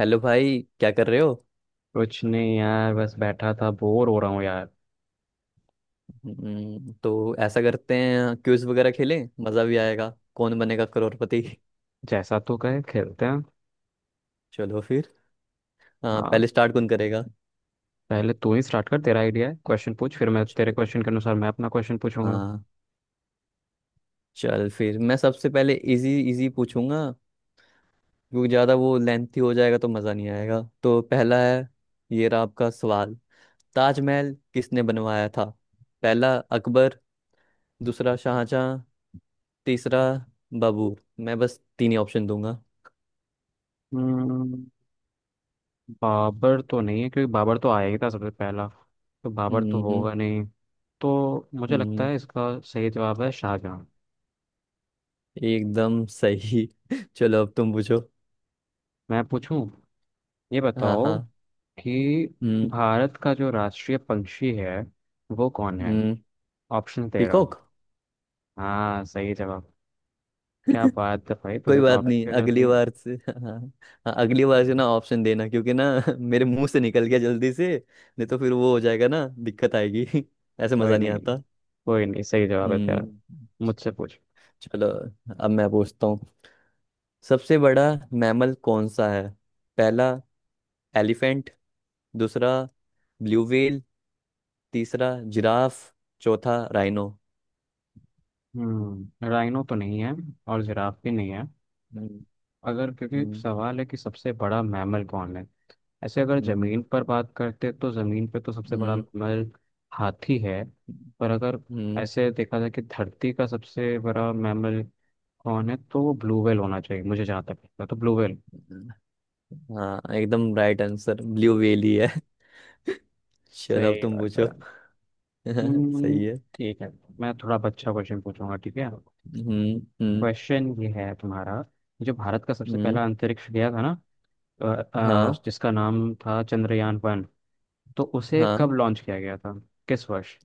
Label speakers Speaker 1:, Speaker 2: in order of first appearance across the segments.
Speaker 1: Hello भाई, क्या कर रहे हो?
Speaker 2: कुछ नहीं यार, बस बैठा था, बोर हो रहा हूँ यार।
Speaker 1: तो ऐसा करते हैं क्विज वगैरह खेलें, मज़ा भी आएगा। कौन बनेगा करोड़पति।
Speaker 2: जैसा तू कहे खेलते हैं।
Speaker 1: चलो फिर। हाँ, पहले
Speaker 2: हाँ,
Speaker 1: स्टार्ट कौन करेगा?
Speaker 2: पहले तू ही स्टार्ट कर, तेरा आइडिया है। क्वेश्चन पूछ, फिर मैं तेरे
Speaker 1: चल।
Speaker 2: क्वेश्चन के अनुसार मैं अपना क्वेश्चन पूछूंगा।
Speaker 1: हाँ। चल फिर मैं सबसे पहले इजी इजी पूछूंगा, क्योंकि ज़्यादा वो लेंथी हो जाएगा तो मज़ा नहीं आएगा। तो पहला है, ये रहा आपका सवाल। ताजमहल किसने बनवाया था? पहला अकबर। दूसरा शाहजहां। तीसरा बाबर। मैं बस तीन ही ऑप्शन दूंगा।
Speaker 2: हम्म, बाबर तो नहीं है, क्योंकि बाबर तो आया ही था सबसे पहला। तो बाबर तो होगा नहीं। तो मुझे लगता
Speaker 1: हम्म,
Speaker 2: है इसका सही जवाब है शाहजहाँ।
Speaker 1: एकदम सही। चलो अब तुम पूछो।
Speaker 2: मैं पूछूं, ये
Speaker 1: हाँ,
Speaker 2: बताओ
Speaker 1: हाँ।
Speaker 2: कि
Speaker 1: हम्म।
Speaker 2: भारत का जो राष्ट्रीय पंछी है, वो कौन है।
Speaker 1: हम्म।
Speaker 2: ऑप्शन दे रहा हूँ।
Speaker 1: पीकॉक।
Speaker 2: हाँ, सही जवाब। क्या बात है भाई,
Speaker 1: कोई
Speaker 2: तुझे तो
Speaker 1: बात
Speaker 2: आप
Speaker 1: नहीं,
Speaker 2: क्या करती
Speaker 1: अगली
Speaker 2: है।
Speaker 1: बार से हाँ। हाँ, अगली बार से ना ऑप्शन देना, क्योंकि ना मेरे मुंह से निकल गया जल्दी से। नहीं तो फिर वो हो जाएगा ना, दिक्कत आएगी ऐसे
Speaker 2: कोई
Speaker 1: मजा नहीं
Speaker 2: नहीं,
Speaker 1: आता।
Speaker 2: कोई नहीं, सही जवाब है तेरा।
Speaker 1: हम्म।
Speaker 2: मुझसे पूछ।
Speaker 1: चलो अब मैं पूछता हूँ। सबसे बड़ा मैमल कौन सा है? पहला एलिफेंट। दूसरा ब्लू व्हेल। तीसरा जिराफ। चौथा राइनो।
Speaker 2: हम्म, राइनो तो नहीं है, और जिराफ भी नहीं है।
Speaker 1: हम्म।
Speaker 2: अगर, क्योंकि
Speaker 1: हम्म।
Speaker 2: सवाल है कि सबसे बड़ा मैमल कौन है। ऐसे अगर
Speaker 1: हम्म।
Speaker 2: जमीन पर बात करते तो जमीन पे तो सबसे बड़ा
Speaker 1: हम्म।
Speaker 2: मैमल हाथी है। पर अगर
Speaker 1: हम्म,
Speaker 2: ऐसे देखा जाए कि धरती का सबसे बड़ा मैमल कौन है, तो वो ब्लू व्हेल होना चाहिए। मुझे जहाँ तक लगता है तो ब्लू व्हेल।
Speaker 1: हाँ एकदम राइट आंसर ब्लू वेली है। चलो अब
Speaker 2: सही
Speaker 1: तुम
Speaker 2: बात
Speaker 1: पूछो।
Speaker 2: है। हम्म।
Speaker 1: सही है।
Speaker 2: ठीक है, मैं थोड़ा अब अच्छा क्वेश्चन पूछूंगा, ठीक है।
Speaker 1: हम्म। हम्म।
Speaker 2: क्वेश्चन ये है तुम्हारा। जो भारत का सबसे
Speaker 1: हम्म।
Speaker 2: पहला अंतरिक्ष गया था ना,
Speaker 1: हाँ,
Speaker 2: जिसका नाम था चंद्रयान वन, तो उसे
Speaker 1: हाँ।
Speaker 2: कब लॉन्च किया गया था, किस वर्ष।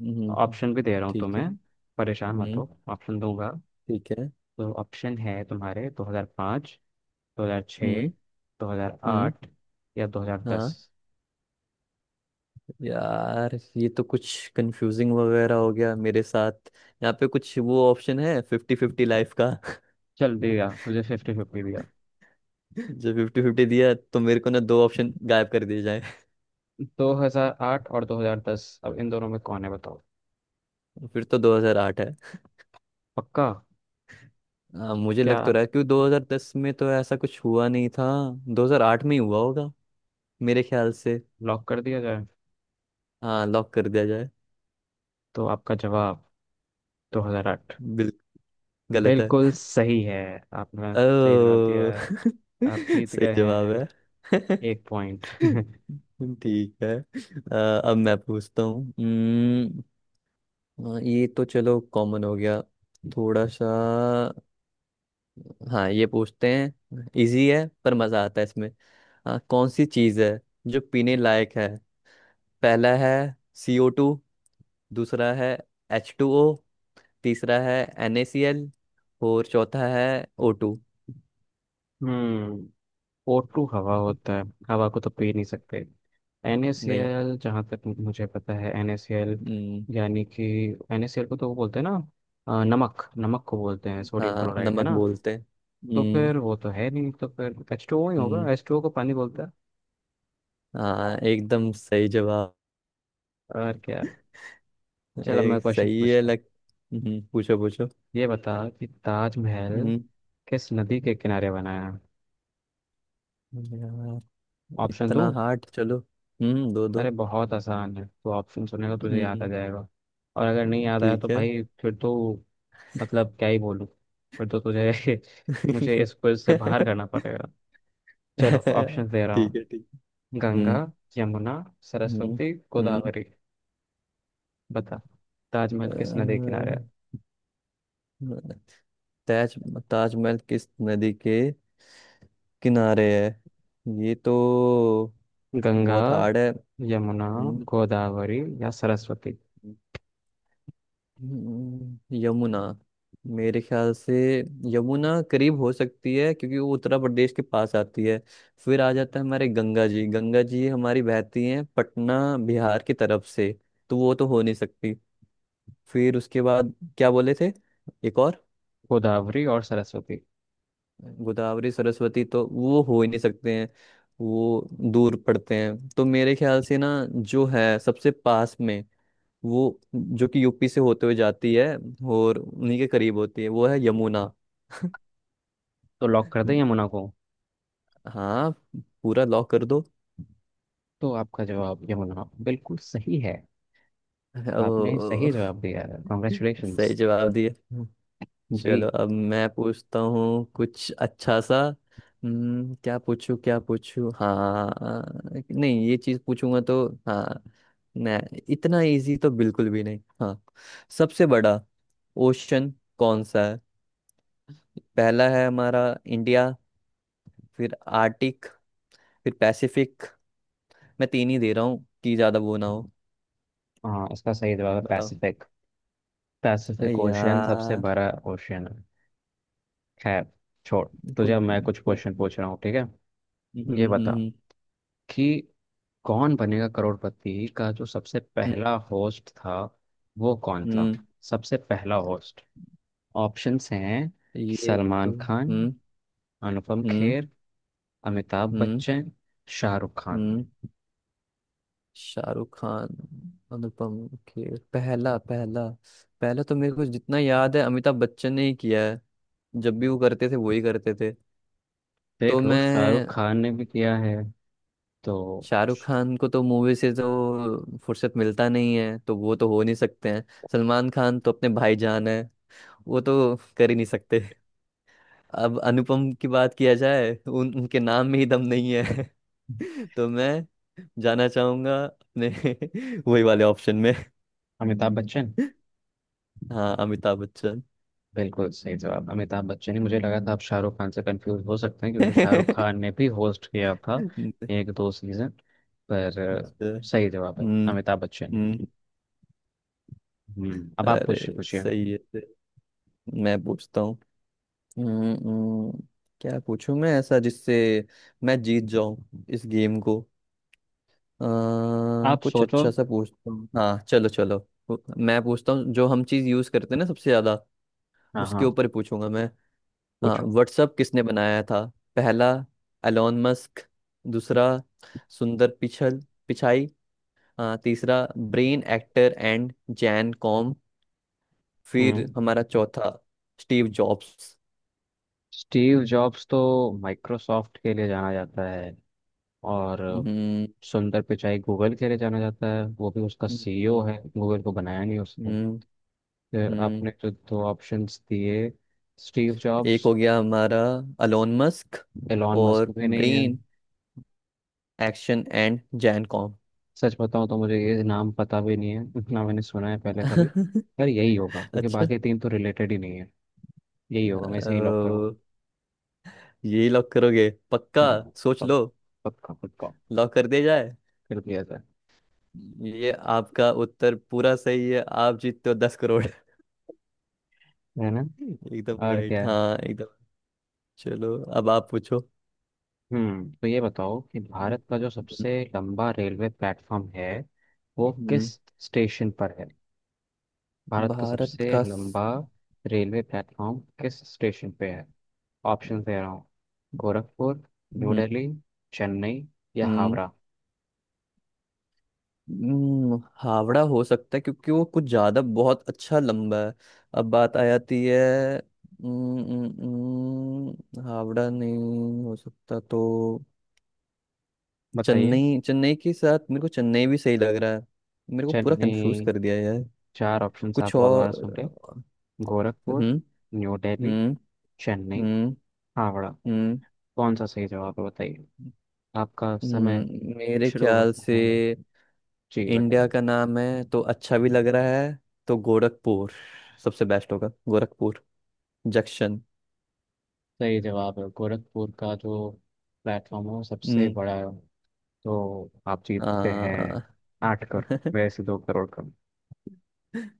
Speaker 1: हम्म,
Speaker 2: ऑप्शन भी दे रहा हूँ
Speaker 1: ठीक है।
Speaker 2: तुम्हें, परेशान मत
Speaker 1: हम्म,
Speaker 2: हो, ऑप्शन दूंगा।
Speaker 1: ठीक है।
Speaker 2: तो ऑप्शन है तुम्हारे 2005, 2006,
Speaker 1: हम्म। हम्म।
Speaker 2: 2008 या 2010।
Speaker 1: हाँ, यार ये तो कुछ कंफ्यूजिंग वगैरह हो गया मेरे साथ। यहाँ पे कुछ वो ऑप्शन है फिफ्टी फिफ्टी लाइफ का
Speaker 2: चल, दिया तुझे फिफ्टी फिफ्टी दिया।
Speaker 1: जो फिफ्टी फिफ्टी दिया तो मेरे को ना दो ऑप्शन गायब कर दिए जाए।
Speaker 2: 2008 और 2010, अब इन दोनों में कौन है बताओ।
Speaker 1: फिर तो 2008।
Speaker 2: पक्का?
Speaker 1: मुझे
Speaker 2: क्या,
Speaker 1: लग तो रहा है क्योंकि 2010 में तो ऐसा कुछ हुआ नहीं था। 2008 में ही हुआ होगा मेरे ख्याल से।
Speaker 2: लॉक कर दिया जाए।
Speaker 1: हाँ, लॉक कर दिया जाए।
Speaker 2: तो आपका जवाब 2008
Speaker 1: बिल्कुल। गलत है।
Speaker 2: बिल्कुल सही है। आपने सही जवाब दिया
Speaker 1: ओ
Speaker 2: है। आप जीत
Speaker 1: सही
Speaker 2: गए
Speaker 1: जवाब
Speaker 2: हैं
Speaker 1: है।
Speaker 2: एक पॉइंट
Speaker 1: ठीक है। अब मैं पूछता हूँ। ये तो चलो कॉमन हो गया, थोड़ा सा। हाँ, ये पूछते हैं, इजी है पर मजा आता है इसमें। कौन सी चीज है जो पीने लायक है? पहला है CO2। दूसरा है एच टू ओ। तीसरा है एन ए सी एल। और चौथा है ओ टू।
Speaker 2: हम्म। O2 हवा होता है, हवा को तो पी नहीं सकते।
Speaker 1: नहीं।
Speaker 2: NaCl, जहाँ तक मुझे पता है NaCl,
Speaker 1: हम्म,
Speaker 2: यानी कि NaCl को तो वो बोलते हैं ना, नमक, नमक को बोलते हैं सोडियम
Speaker 1: हाँ,
Speaker 2: क्लोराइड है
Speaker 1: नमक
Speaker 2: ना।
Speaker 1: बोलते हैं।
Speaker 2: तो
Speaker 1: हम्म,
Speaker 2: फिर वो तो है नहीं, तो फिर H2O ही होगा,
Speaker 1: हम्म,
Speaker 2: H2O को पानी बोलते हैं।
Speaker 1: हाँ एकदम सही जवाब।
Speaker 2: और क्या, चलो मैं
Speaker 1: एक
Speaker 2: क्वेश्चन
Speaker 1: सही है
Speaker 2: पूछता हूँ।
Speaker 1: लग। पूछो पूछो।
Speaker 2: ये बता कि ताजमहल
Speaker 1: हम्म।
Speaker 2: किस नदी के किनारे बना है।
Speaker 1: यार,
Speaker 2: ऑप्शन दो?
Speaker 1: इतना हार्ड। चलो, दो दो।
Speaker 2: अरे बहुत आसान है, तो ऑप्शन सुनेगा तुझे याद आ
Speaker 1: हम्म,
Speaker 2: जाएगा। और अगर नहीं याद आया तो
Speaker 1: ठीक है।
Speaker 2: भाई फिर तो, मतलब क्या ही बोलूँ, फिर तो तुझे मुझे इस क्विज से बाहर करना पड़ेगा। चलो ऑप्शन दे रहा
Speaker 1: ठीक है,
Speaker 2: हूँ।
Speaker 1: ठीक है। हम्म।
Speaker 2: गंगा, यमुना,
Speaker 1: हम्म।
Speaker 2: सरस्वती,
Speaker 1: हम्म,
Speaker 2: गोदावरी। बता, ताजमहल किस नदी किनारे है।
Speaker 1: अ, ताज ताजमहल किस नदी के किनारे है? ये तो
Speaker 2: गंगा,
Speaker 1: बहुत हार्ड है।
Speaker 2: यमुना,
Speaker 1: हम्म।
Speaker 2: गोदावरी या सरस्वती।
Speaker 1: यमुना मेरे ख्याल से। यमुना करीब हो सकती है, क्योंकि वो उत्तर प्रदेश के पास आती है। फिर आ जाता है हमारे गंगा जी। गंगा जी हमारी बहती हैं पटना, बिहार की तरफ से। तो वो तो हो नहीं सकती। फिर उसके बाद क्या बोले थे, एक और?
Speaker 2: गोदावरी और सरस्वती।
Speaker 1: गोदावरी, सरस्वती तो वो हो ही नहीं सकते हैं। वो दूर पड़ते हैं, तो मेरे ख्याल से ना, जो है सबसे पास में, वो जो कि यूपी से होते हुए जाती है और उन्हीं के करीब होती है, वो है यमुना।
Speaker 2: तो लॉक कर दे यमुना को।
Speaker 1: हाँ, पूरा लॉक कर दो।
Speaker 2: तो आपका जवाब यमुना बिल्कुल सही है। आपने
Speaker 1: ओ,
Speaker 2: सही जवाब दिया है,
Speaker 1: सही
Speaker 2: कॉन्ग्रेचुलेशंस
Speaker 1: जवाब दिए। चलो
Speaker 2: जी।
Speaker 1: अब मैं पूछता हूँ कुछ अच्छा सा। हम्म, क्या पूछूं, क्या पूछूं। हाँ, नहीं ये चीज पूछूंगा तो। हाँ, नहीं इतना इजी तो बिल्कुल भी नहीं। हाँ, सबसे बड़ा ओशन कौन सा है? पहला है हमारा इंडिया। फिर आर्टिक। फिर पैसिफिक। मैं तीन ही दे रहा हूँ कि ज्यादा वो ना हो।
Speaker 2: हाँ, इसका सही जवाब है
Speaker 1: बताओ।
Speaker 2: पैसिफिक।
Speaker 1: अरे
Speaker 2: पैसिफिक ओशियन सबसे
Speaker 1: यार।
Speaker 2: बड़ा ओशियन है। खैर, छोड़, तुझे
Speaker 1: कुछ
Speaker 2: अब मैं कुछ
Speaker 1: कुछ।
Speaker 2: क्वेश्चन पूछ रहा हूँ, ठीक है।
Speaker 1: हम्म।
Speaker 2: ये बता
Speaker 1: हम्म।
Speaker 2: कि कौन बनेगा करोड़पति का जो सबसे
Speaker 1: हम्म। हम्म।
Speaker 2: पहला होस्ट था, वो कौन था।
Speaker 1: हम्म।
Speaker 2: सबसे पहला होस्ट। ऑप्शंस हैं,
Speaker 1: ये
Speaker 2: सलमान
Speaker 1: तो
Speaker 2: खान,
Speaker 1: हम्म।
Speaker 2: अनुपम
Speaker 1: हम्म।
Speaker 2: खेर, अमिताभ
Speaker 1: हम्म।
Speaker 2: बच्चन, शाहरुख खान।
Speaker 1: हम्म। शाहरुख खान, अनुपम खेर पहला पहला। पहला तो मेरे को जितना याद है अमिताभ बच्चन ने ही किया है। जब भी वो करते थे वो ही करते थे। तो
Speaker 2: देख लो, शाहरुख
Speaker 1: मैं,
Speaker 2: खान ने भी किया है। तो,
Speaker 1: शाहरुख खान को तो मूवी से तो फुर्सत मिलता नहीं है, तो वो तो हो नहीं सकते हैं। सलमान खान तो अपने भाईजान है, वो तो कर ही नहीं सकते। अब अनुपम की बात किया जाए, उन उनके नाम में ही दम नहीं है। तो मैं जाना चाहूंगा अपने वही वाले ऑप्शन में।
Speaker 2: अमिताभ बच्चन
Speaker 1: हाँ, अमिताभ बच्चन।
Speaker 2: बिल्कुल सही जवाब। अमिताभ बच्चन ही मुझे लगा था। आप शाहरुख खान से कंफ्यूज हो सकते हैं, क्योंकि शाहरुख
Speaker 1: अच्छा।
Speaker 2: खान ने भी होस्ट किया था एक दो सीजन। पर अ, सही जवाब है
Speaker 1: हम्म।
Speaker 2: अमिताभ बच्चन।
Speaker 1: हम्म।
Speaker 2: हम्म, अब आप पूछिए,
Speaker 1: अरे,
Speaker 2: पूछिए।
Speaker 1: सही है सही। मैं पूछता हूँ। हम्म। हम्म। क्या पूछूं मैं ऐसा जिससे मैं जीत जाऊं इस गेम को? आ,
Speaker 2: आप
Speaker 1: कुछ
Speaker 2: सोचो।
Speaker 1: अच्छा सा पूछता हूँ। हाँ, चलो चलो। मैं पूछता हूँ, जो हम चीज यूज करते हैं ना सबसे ज्यादा
Speaker 2: हाँ
Speaker 1: उसके
Speaker 2: हाँ,
Speaker 1: ऊपर पूछूंगा मैं। हाँ,
Speaker 2: पूछो।
Speaker 1: व्हाट्सअप किसने बनाया था? पहला एलोन मस्क। दूसरा सुंदर पिछल पिचाई। हाँ, तीसरा Brian Acton and Jan Koum. फिर
Speaker 2: हम्म,
Speaker 1: हमारा चौथा स्टीव जॉब्स।
Speaker 2: स्टीव जॉब्स तो माइक्रोसॉफ्ट के लिए जाना जाता है, और
Speaker 1: हम्म।
Speaker 2: सुंदर पिचाई गूगल के लिए जाना जाता है, वो भी उसका सीईओ
Speaker 1: हम्म।
Speaker 2: है, गूगल को बनाया नहीं उसने।
Speaker 1: हम्म।
Speaker 2: तो
Speaker 1: हम्म।
Speaker 2: आपने जो दो ऑप्शंस दिए, स्टीव
Speaker 1: एक
Speaker 2: जॉब्स,
Speaker 1: हो गया हमारा अलोन मस्क।
Speaker 2: एलॉन मस्क
Speaker 1: और
Speaker 2: भी नहीं है।
Speaker 1: Brian Acton and Jan Koum.
Speaker 2: सच बताऊं तो मुझे ये नाम पता भी नहीं है इतना, मैंने सुना है पहले कभी। यार यही होगा, क्योंकि
Speaker 1: अच्छा।
Speaker 2: बाकी तीन तो रिलेटेड ही नहीं है। यही होगा, मैं सही लॉक करूँ।
Speaker 1: अ, ये लॉक करोगे पक्का?
Speaker 2: हाँ।
Speaker 1: सोच लो।
Speaker 2: पक्का। पक्का पक्का।
Speaker 1: लॉक कर दिया जाए।
Speaker 2: कर दिया जाए।
Speaker 1: ये आपका उत्तर पूरा सही है। आप जीतते हो 10 करोड़
Speaker 2: है ना,
Speaker 1: एकदम
Speaker 2: और
Speaker 1: राइट।
Speaker 2: क्या है?
Speaker 1: हाँ, एकदम। चलो अब आप पूछो।
Speaker 2: हम्म, तो ये बताओ कि
Speaker 1: हम्म।
Speaker 2: भारत का जो सबसे लंबा रेलवे प्लेटफॉर्म है, वो
Speaker 1: हम्म,
Speaker 2: किस स्टेशन पर है। भारत का
Speaker 1: भारत
Speaker 2: सबसे
Speaker 1: का स-
Speaker 2: लंबा रेलवे प्लेटफॉर्म किस स्टेशन पे है। ऑप्शन दे रहा हूँ। गोरखपुर, न्यू
Speaker 1: हम्म।
Speaker 2: दिल्ली, चेन्नई या
Speaker 1: हम्म।
Speaker 2: हावड़ा।
Speaker 1: हावड़ा हो सकता है क्योंकि वो कुछ ज्यादा बहुत अच्छा लंबा है। अब बात आ जाती है। हम्म। हम्म। हावड़ा नहीं हो सकता। तो
Speaker 2: बताइए।
Speaker 1: चेन्नई, चेन्नई के साथ मेरे को चेन्नई भी सही लग रहा है। मेरे को पूरा कंफ्यूज
Speaker 2: चेन्नई।
Speaker 1: कर दिया यार।
Speaker 2: चार ऑप्शंस
Speaker 1: कुछ
Speaker 2: आप और बार सुन लें।
Speaker 1: और।
Speaker 2: गोरखपुर,
Speaker 1: हम्म।
Speaker 2: न्यू दिल्ली,
Speaker 1: हम्म।
Speaker 2: चेन्नई,
Speaker 1: हम्म।
Speaker 2: हावड़ा।
Speaker 1: हम्म।
Speaker 2: कौन सा सही जवाब है बताइए। आपका समय
Speaker 1: मेरे
Speaker 2: शुरू
Speaker 1: ख्याल
Speaker 2: होता
Speaker 1: से
Speaker 2: है। जी
Speaker 1: इंडिया
Speaker 2: बताइए।
Speaker 1: का नाम है तो अच्छा भी लग रहा है, तो गोरखपुर सबसे बेस्ट होगा, गोरखपुर जंक्शन।
Speaker 2: सही जवाब है गोरखपुर का जो प्लेटफॉर्म है वो सबसे
Speaker 1: हम्म।
Speaker 2: बड़ा है। तो आप जीतते हैं
Speaker 1: आ,
Speaker 2: आठ कर, वैसे दो करोड़ कम।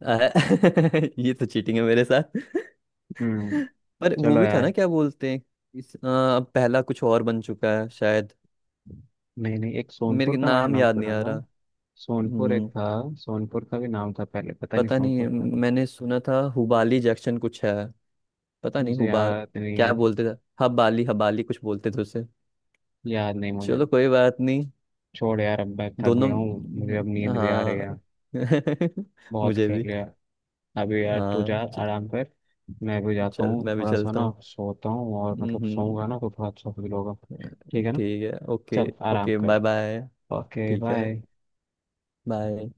Speaker 1: आ- ये तो चीटिंग है मेरे साथ
Speaker 2: हम्म,
Speaker 1: पर वो
Speaker 2: चलो
Speaker 1: भी था
Speaker 2: यार।
Speaker 1: ना, क्या बोलते हैं। अब पहला कुछ और बन चुका है शायद।
Speaker 2: नहीं नहीं, एक सोनपुर
Speaker 1: मेरे को
Speaker 2: का मैंने
Speaker 1: नाम
Speaker 2: नाम
Speaker 1: याद नहीं
Speaker 2: सुना
Speaker 1: आ
Speaker 2: था।
Speaker 1: रहा।
Speaker 2: सोनपुर एक
Speaker 1: हम्म।
Speaker 2: था। सोनपुर का भी नाम था पहले, पता नहीं
Speaker 1: पता नहीं।
Speaker 2: सोनपुर था।
Speaker 1: मैंने सुना था हुबाली जंक्शन कुछ है। पता नहीं,
Speaker 2: मुझे
Speaker 1: हुबा
Speaker 2: याद नहीं
Speaker 1: क्या
Speaker 2: है।
Speaker 1: बोलते थे। हबाली हबाली कुछ बोलते थे उसे।
Speaker 2: याद नहीं मुझे।
Speaker 1: चलो, कोई बात नहीं।
Speaker 2: छोड़ यार, अब मैं थक
Speaker 1: दोनों।
Speaker 2: गया हूँ, मुझे अब नींद भी आ रही
Speaker 1: हाँ।
Speaker 2: है। बहुत
Speaker 1: मुझे
Speaker 2: खेल
Speaker 1: भी।
Speaker 2: लिया अभी, यार तू जा
Speaker 1: हाँ
Speaker 2: आराम कर। मैं भी जाता
Speaker 1: चल
Speaker 2: हूँ,
Speaker 1: मैं भी
Speaker 2: थोड़ा सा
Speaker 1: चलता
Speaker 2: ना
Speaker 1: हूँ।
Speaker 2: सोता हूँ, और
Speaker 1: हम्म।
Speaker 2: मतलब सोऊंगा
Speaker 1: हम्म।
Speaker 2: ना तो थोड़ा अच्छा फील होगा। ठीक है ना,
Speaker 1: ठीक है, ओके।
Speaker 2: चल आराम
Speaker 1: ओके
Speaker 2: कर।
Speaker 1: Bye bye.
Speaker 2: ओके
Speaker 1: ठीक है।
Speaker 2: बाय।
Speaker 1: बाय।